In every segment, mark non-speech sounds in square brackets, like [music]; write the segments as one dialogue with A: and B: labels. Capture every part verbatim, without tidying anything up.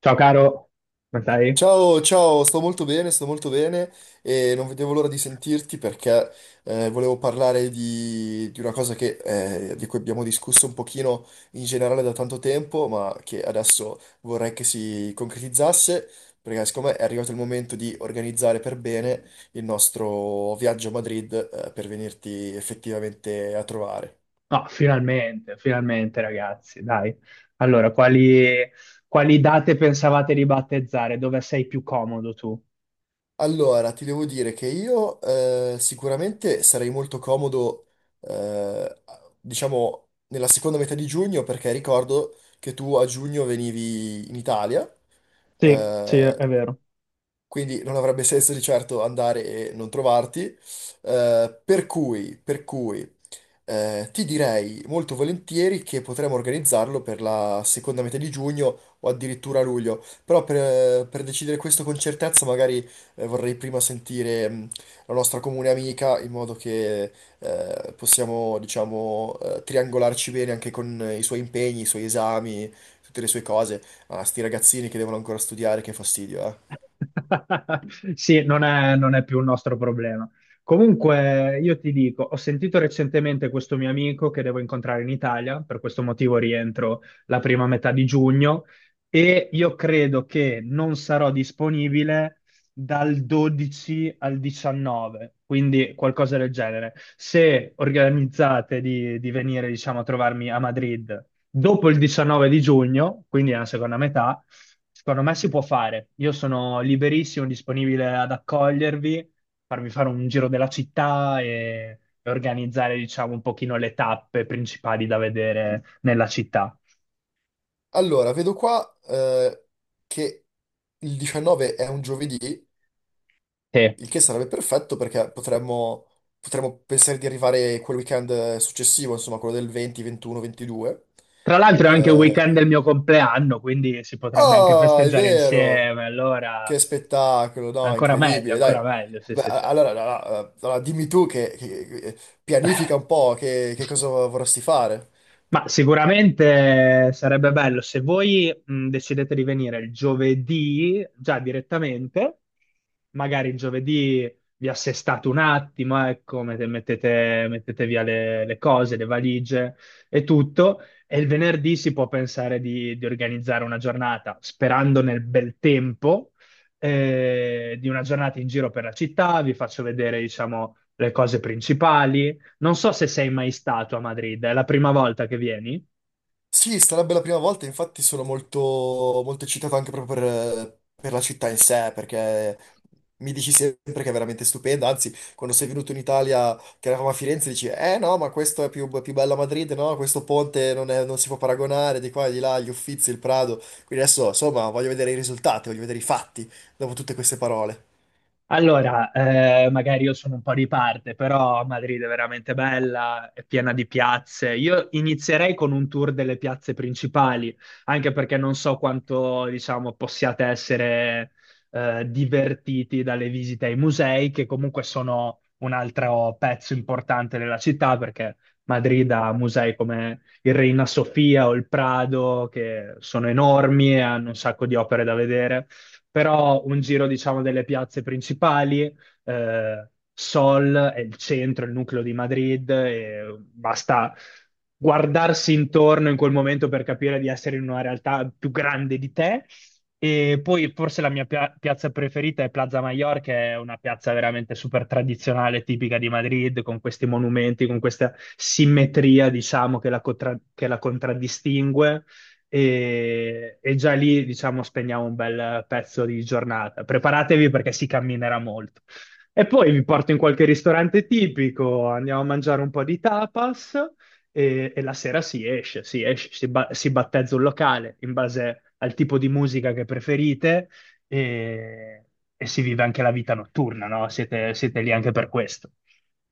A: Ciao caro, come stai?
B: Ciao, ciao, sto molto bene, sto molto bene e non vedevo l'ora di sentirti perché eh, volevo parlare di, di una cosa che, eh, di cui abbiamo discusso un pochino in generale da tanto tempo, ma che adesso vorrei che si concretizzasse, perché secondo me è arrivato il momento di organizzare per bene il nostro viaggio a Madrid, eh, per venirti effettivamente a trovare.
A: No, finalmente, finalmente ragazzi, dai. Allora, quali, quali date pensavate di battezzare? Dove sei più comodo tu?
B: Allora, ti devo dire che io eh, sicuramente sarei molto comodo, eh, diciamo, nella seconda metà di giugno, perché ricordo che tu a giugno venivi in Italia,
A: Sì, sì,
B: eh,
A: è vero.
B: quindi non avrebbe [laughs] senso di certo andare e non trovarti. eh, per cui, per cui, eh, ti direi molto volentieri che potremmo organizzarlo per la seconda metà di giugno o addirittura luglio, però per, per decidere questo con certezza magari eh, vorrei prima sentire mh, la nostra comune amica in modo che eh, possiamo, diciamo, eh, triangolarci bene anche con eh, i suoi impegni, i suoi esami, tutte le sue cose. Ah, sti ragazzini che devono ancora studiare, che fastidio, eh.
A: [laughs] Sì, non è, non è più un nostro problema. Comunque, io ti dico, ho sentito recentemente questo mio amico che devo incontrare in Italia, per questo motivo rientro la prima metà di giugno e io credo che non sarò disponibile dal dodici al diciannove, quindi qualcosa del genere. Se organizzate di, di venire, diciamo, a trovarmi a Madrid dopo il diciannove di giugno, quindi nella seconda metà, secondo me si può fare. Io sono liberissimo, disponibile ad accogliervi, farvi fare un giro della città e, e organizzare, diciamo, un pochino le tappe principali da vedere nella città.
B: Allora, vedo qua, eh, che il diciannove è un giovedì.
A: Che,
B: Il che sarebbe perfetto perché potremmo, potremmo pensare di arrivare quel weekend successivo, insomma, quello del venti, ventuno, ventidue.
A: tra l'altro è anche il
B: Eh,
A: weekend del mio compleanno, quindi si potrebbe anche
B: Oh, è
A: festeggiare
B: vero!
A: insieme,
B: Che
A: allora
B: spettacolo, no?
A: ancora meglio,
B: Incredibile, dai.
A: ancora meglio, sì,
B: Beh,
A: sì,
B: a-
A: sì.
B: allora, allora, allora, dimmi tu che, che- che- pianifica un po' che, che
A: [laughs]
B: cosa vorresti fare.
A: Ma sicuramente sarebbe bello se voi mh, decidete di venire il giovedì già direttamente, magari il giovedì vi assestate un attimo, ecco, mette- mettete, mettete via le, le cose, le valigie e tutto, e il venerdì si può pensare di, di organizzare una giornata, sperando nel bel tempo, eh, di una giornata in giro per la città, vi faccio vedere, diciamo, le cose principali. Non so se sei mai stato a Madrid, è la prima volta che vieni?
B: Sì, sarebbe la prima volta, infatti sono molto, molto eccitato anche proprio per, per la città in sé, perché mi dici sempre che è veramente stupenda, anzi, quando sei venuto in Italia, che eravamo a Firenze, dici, eh no, ma questo è più, più bello a Madrid, no, questo ponte non, è- non si può paragonare, di qua e di là, gli Uffizi, il Prado, quindi adesso, insomma, voglio vedere i risultati, voglio vedere i fatti, dopo tutte queste parole.
A: Allora, eh, magari io sono un po' di parte, però Madrid è veramente bella, è piena di piazze. Io inizierei con un tour delle piazze principali, anche perché non so quanto, diciamo, possiate essere eh, divertiti dalle visite ai musei, che comunque sono un altro pezzo importante della città, perché Madrid ha musei come il Reina Sofia o il Prado, che sono enormi e hanno un sacco di opere da vedere. Però un giro, diciamo, delle piazze principali, eh, Sol è il centro, il nucleo di Madrid, e basta guardarsi intorno in quel momento per capire di essere in una realtà più grande di te. E poi forse la mia pia- piazza preferita è Plaza Mayor, che è una piazza veramente super tradizionale, tipica di Madrid, con questi monumenti, con questa simmetria, diciamo, che la, contra- che la contraddistingue e, e già lì, diciamo, spegniamo un bel pezzo di giornata. Preparatevi perché si camminerà molto. E poi vi porto in qualche ristorante tipico, andiamo a mangiare un po' di tapas e, e la sera si esce, si esce, si, ba- si battezza un locale in base al tipo di musica che preferite e, e si vive anche la vita notturna, no? Siete, siete lì anche per questo.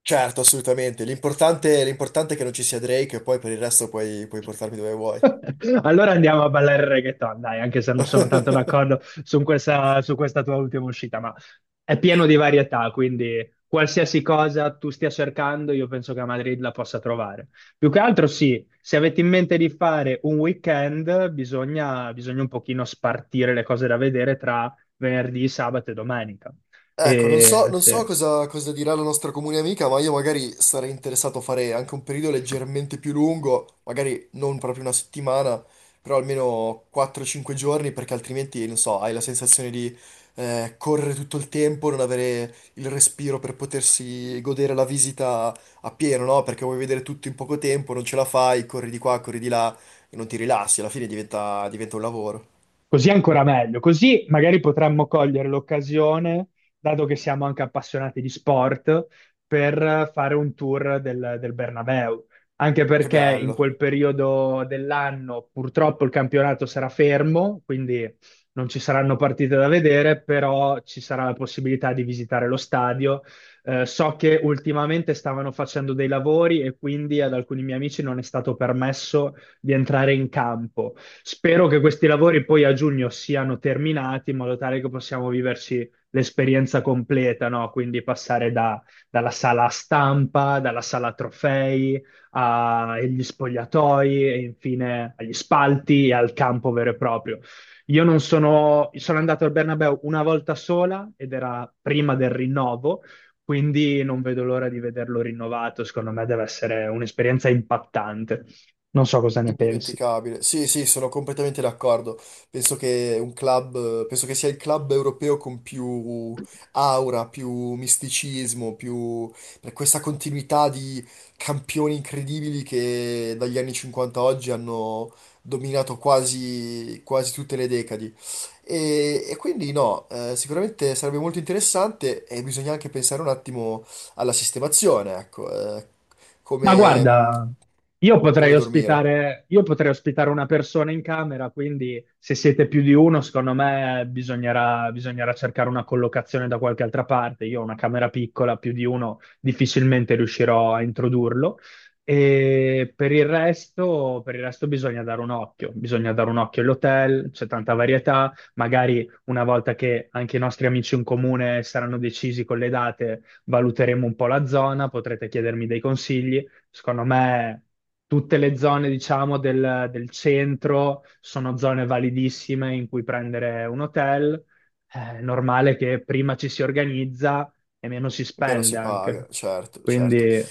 B: Certo, assolutamente, l'importante l'importante è che non ci sia Drake e poi per il resto puoi puoi portarmi dove vuoi.
A: [laughs] Allora andiamo a ballare il reggaeton, dai, anche se non sono tanto
B: [laughs]
A: d'accordo su questa, su questa tua ultima uscita, ma è pieno di varietà, quindi qualsiasi cosa tu stia cercando, io penso che a Madrid la possa trovare. Più che altro sì, se avete in mente di fare un weekend, bisogna, bisogna un pochino spartire le cose da vedere tra venerdì, sabato e domenica.
B: Ecco, non so,
A: E,
B: non so
A: sì.
B: cosa, cosa dirà la nostra comune amica, ma io magari sarei interessato a fare anche un periodo leggermente più lungo, magari non proprio una settimana, però almeno quattro cinque giorni, perché altrimenti, non so, hai la sensazione di eh, correre tutto il tempo, non avere il respiro per potersi godere la visita a pieno, no? Perché vuoi vedere tutto in poco tempo, non ce la fai, corri di qua, corri di là e non ti rilassi, alla fine diventa diventa un lavoro.
A: Così è ancora meglio, così magari potremmo cogliere l'occasione, dato che siamo anche appassionati di sport, per fare un tour del, del Bernabeu. Anche
B: Che
A: perché in
B: bello.
A: quel periodo dell'anno purtroppo il campionato sarà fermo, quindi non ci saranno partite da vedere, però ci sarà la possibilità di visitare lo stadio. Eh, so che ultimamente stavano facendo dei lavori e quindi ad alcuni miei amici non è stato permesso di entrare in campo. Spero che questi lavori poi a giugno siano terminati in modo tale che possiamo viverci l'esperienza completa, no? Quindi passare da- dalla sala stampa, dalla sala trofei, a- agli spogliatoi e infine agli spalti e al campo vero e proprio. Io non sono, Sono andato al Bernabéu una volta sola ed era prima del rinnovo, quindi non vedo l'ora di vederlo rinnovato. Secondo me deve essere un'esperienza impattante. Non so cosa ne pensi.
B: Indimenticabile. Sì, sì, sono completamente d'accordo. Penso che un club, penso che sia il club europeo con più aura, più misticismo, più, per questa continuità di campioni incredibili che dagli anni cinquanta a oggi hanno dominato quasi, quasi tutte le decadi. E, e quindi no, eh, sicuramente sarebbe molto interessante e bisogna anche pensare un attimo alla sistemazione, ecco, eh,
A: Ma
B: come,
A: guarda, io potrei
B: come dormire.
A: ospitare, io potrei ospitare una persona in camera, quindi se siete più di uno, secondo me bisognerà, bisognerà cercare una collocazione da qualche altra parte. Io ho una camera piccola, più di uno difficilmente riuscirò a introdurlo. E per il resto, per il resto bisogna dare un occhio, bisogna dare un occhio all'hotel, c'è tanta varietà, magari una volta che anche i nostri amici in comune saranno decisi con le date, valuteremo un po' la zona, potrete chiedermi dei consigli. Secondo me tutte le zone, diciamo, del, del centro sono zone validissime in cui prendere un hotel. È normale che prima ci si organizza e meno si
B: Meno
A: spende
B: si
A: anche.
B: paga, certo, certo.
A: Quindi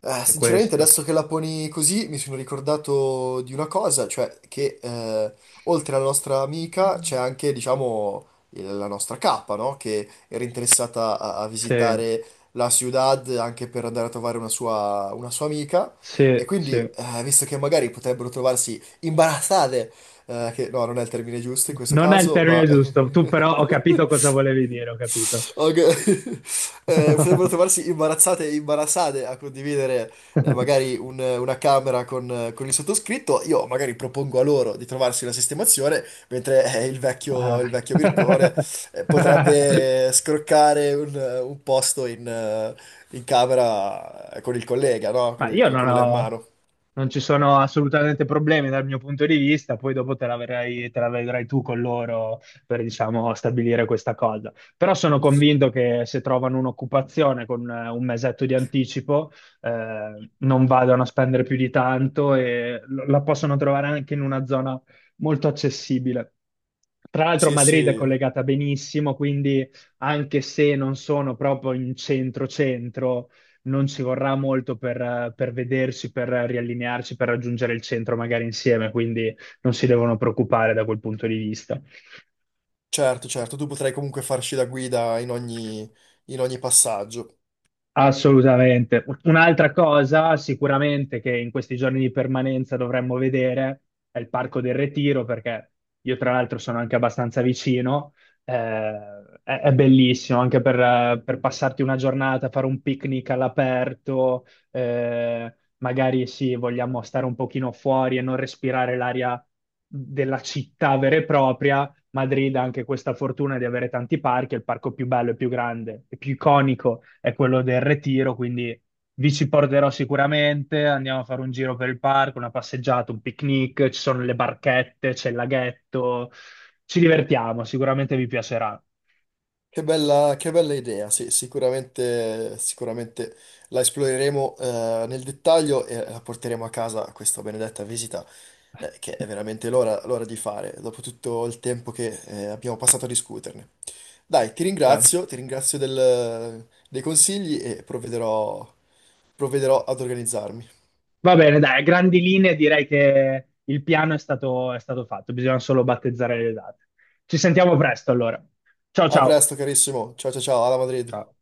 B: Eh,
A: è
B: sinceramente,
A: questo.
B: adesso che la poni così, mi sono ricordato di una cosa, cioè che eh, oltre alla nostra amica c'è anche, diciamo, il- la nostra capa, no? Che era interessata a, a
A: Sì,
B: visitare la ciudad anche per andare a trovare una sua, una sua amica. E
A: sì,
B: quindi,
A: sì.
B: eh, visto che magari potrebbero trovarsi imbarazzate, eh, che no, non è il termine giusto in questo
A: Non è il
B: caso, ma...
A: termine giusto. Tu
B: [laughs]
A: però ho capito cosa volevi dire, ho capito.
B: Ok. Eh, potrebbero trovarsi imbarazzate e imbarazzate a condividere, eh,
A: [laughs]
B: magari un- una camera con, eh, con il sottoscritto. Io magari propongo a loro di trovarsi una sistemazione, mentre eh, il vecchio,
A: Ah.
B: il vecchio Mircone eh, potrebbe
A: [laughs]
B: scroccare un, un posto in, eh, in camera, eh, con il collega, no? Con
A: Ma
B: il,
A: io non
B: con
A: ho,
B: l'ermano.
A: Non ci sono assolutamente problemi dal mio punto di vista, poi dopo te la verrai, te la vedrai tu con loro per, diciamo, stabilire questa cosa. Però sono convinto che se trovano un'occupazione con eh, un mesetto di anticipo, eh, non vadano a spendere più di tanto e lo- la possono trovare anche in una zona molto accessibile. Tra l'altro
B: Sì,
A: Madrid è
B: sì.
A: collegata benissimo, quindi anche se non sono proprio in centro-centro, non ci vorrà molto per, eh, per vedersi, per riallinearci, per raggiungere il centro magari insieme, quindi non si devono preoccupare da quel punto di vista.
B: Certo, certo, tu potrai comunque farci da guida in ogni, in ogni passaggio.
A: Assolutamente. Un'altra cosa sicuramente che in questi giorni di permanenza dovremmo vedere è il Parco del Retiro, perché io tra l'altro sono anche abbastanza vicino. Eh, è, è bellissimo anche per, eh, per passarti una giornata, fare un picnic all'aperto, eh, magari sì, vogliamo stare un pochino fuori e non respirare l'aria della città vera e propria. Madrid ha anche questa fortuna di avere tanti parchi, il parco più bello e più grande e più iconico è quello del Retiro, quindi vi ci porterò sicuramente, andiamo a fare un giro per il parco, una passeggiata, un picnic, ci sono le barchette, c'è il laghetto, ci divertiamo, sicuramente vi piacerà.
B: Che bella, che bella idea, sì, sicuramente, sicuramente la esploreremo, eh, nel dettaglio, e la porteremo a casa questa benedetta visita, eh, che è veramente l'ora l'ora di fare, dopo tutto il tempo che eh, abbiamo passato a discuterne. Dai, ti
A: Dai.
B: ringrazio, ti ringrazio del- dei consigli e provvederò, provvederò ad organizzarmi.
A: Va bene, dai, a grandi linee direi che il piano è stato, è stato fatto, bisogna solo battezzare le date. Ci sentiamo presto allora. Ciao
B: A
A: ciao.
B: presto, carissimo, ciao ciao ciao, alla Madrid.
A: Ciao.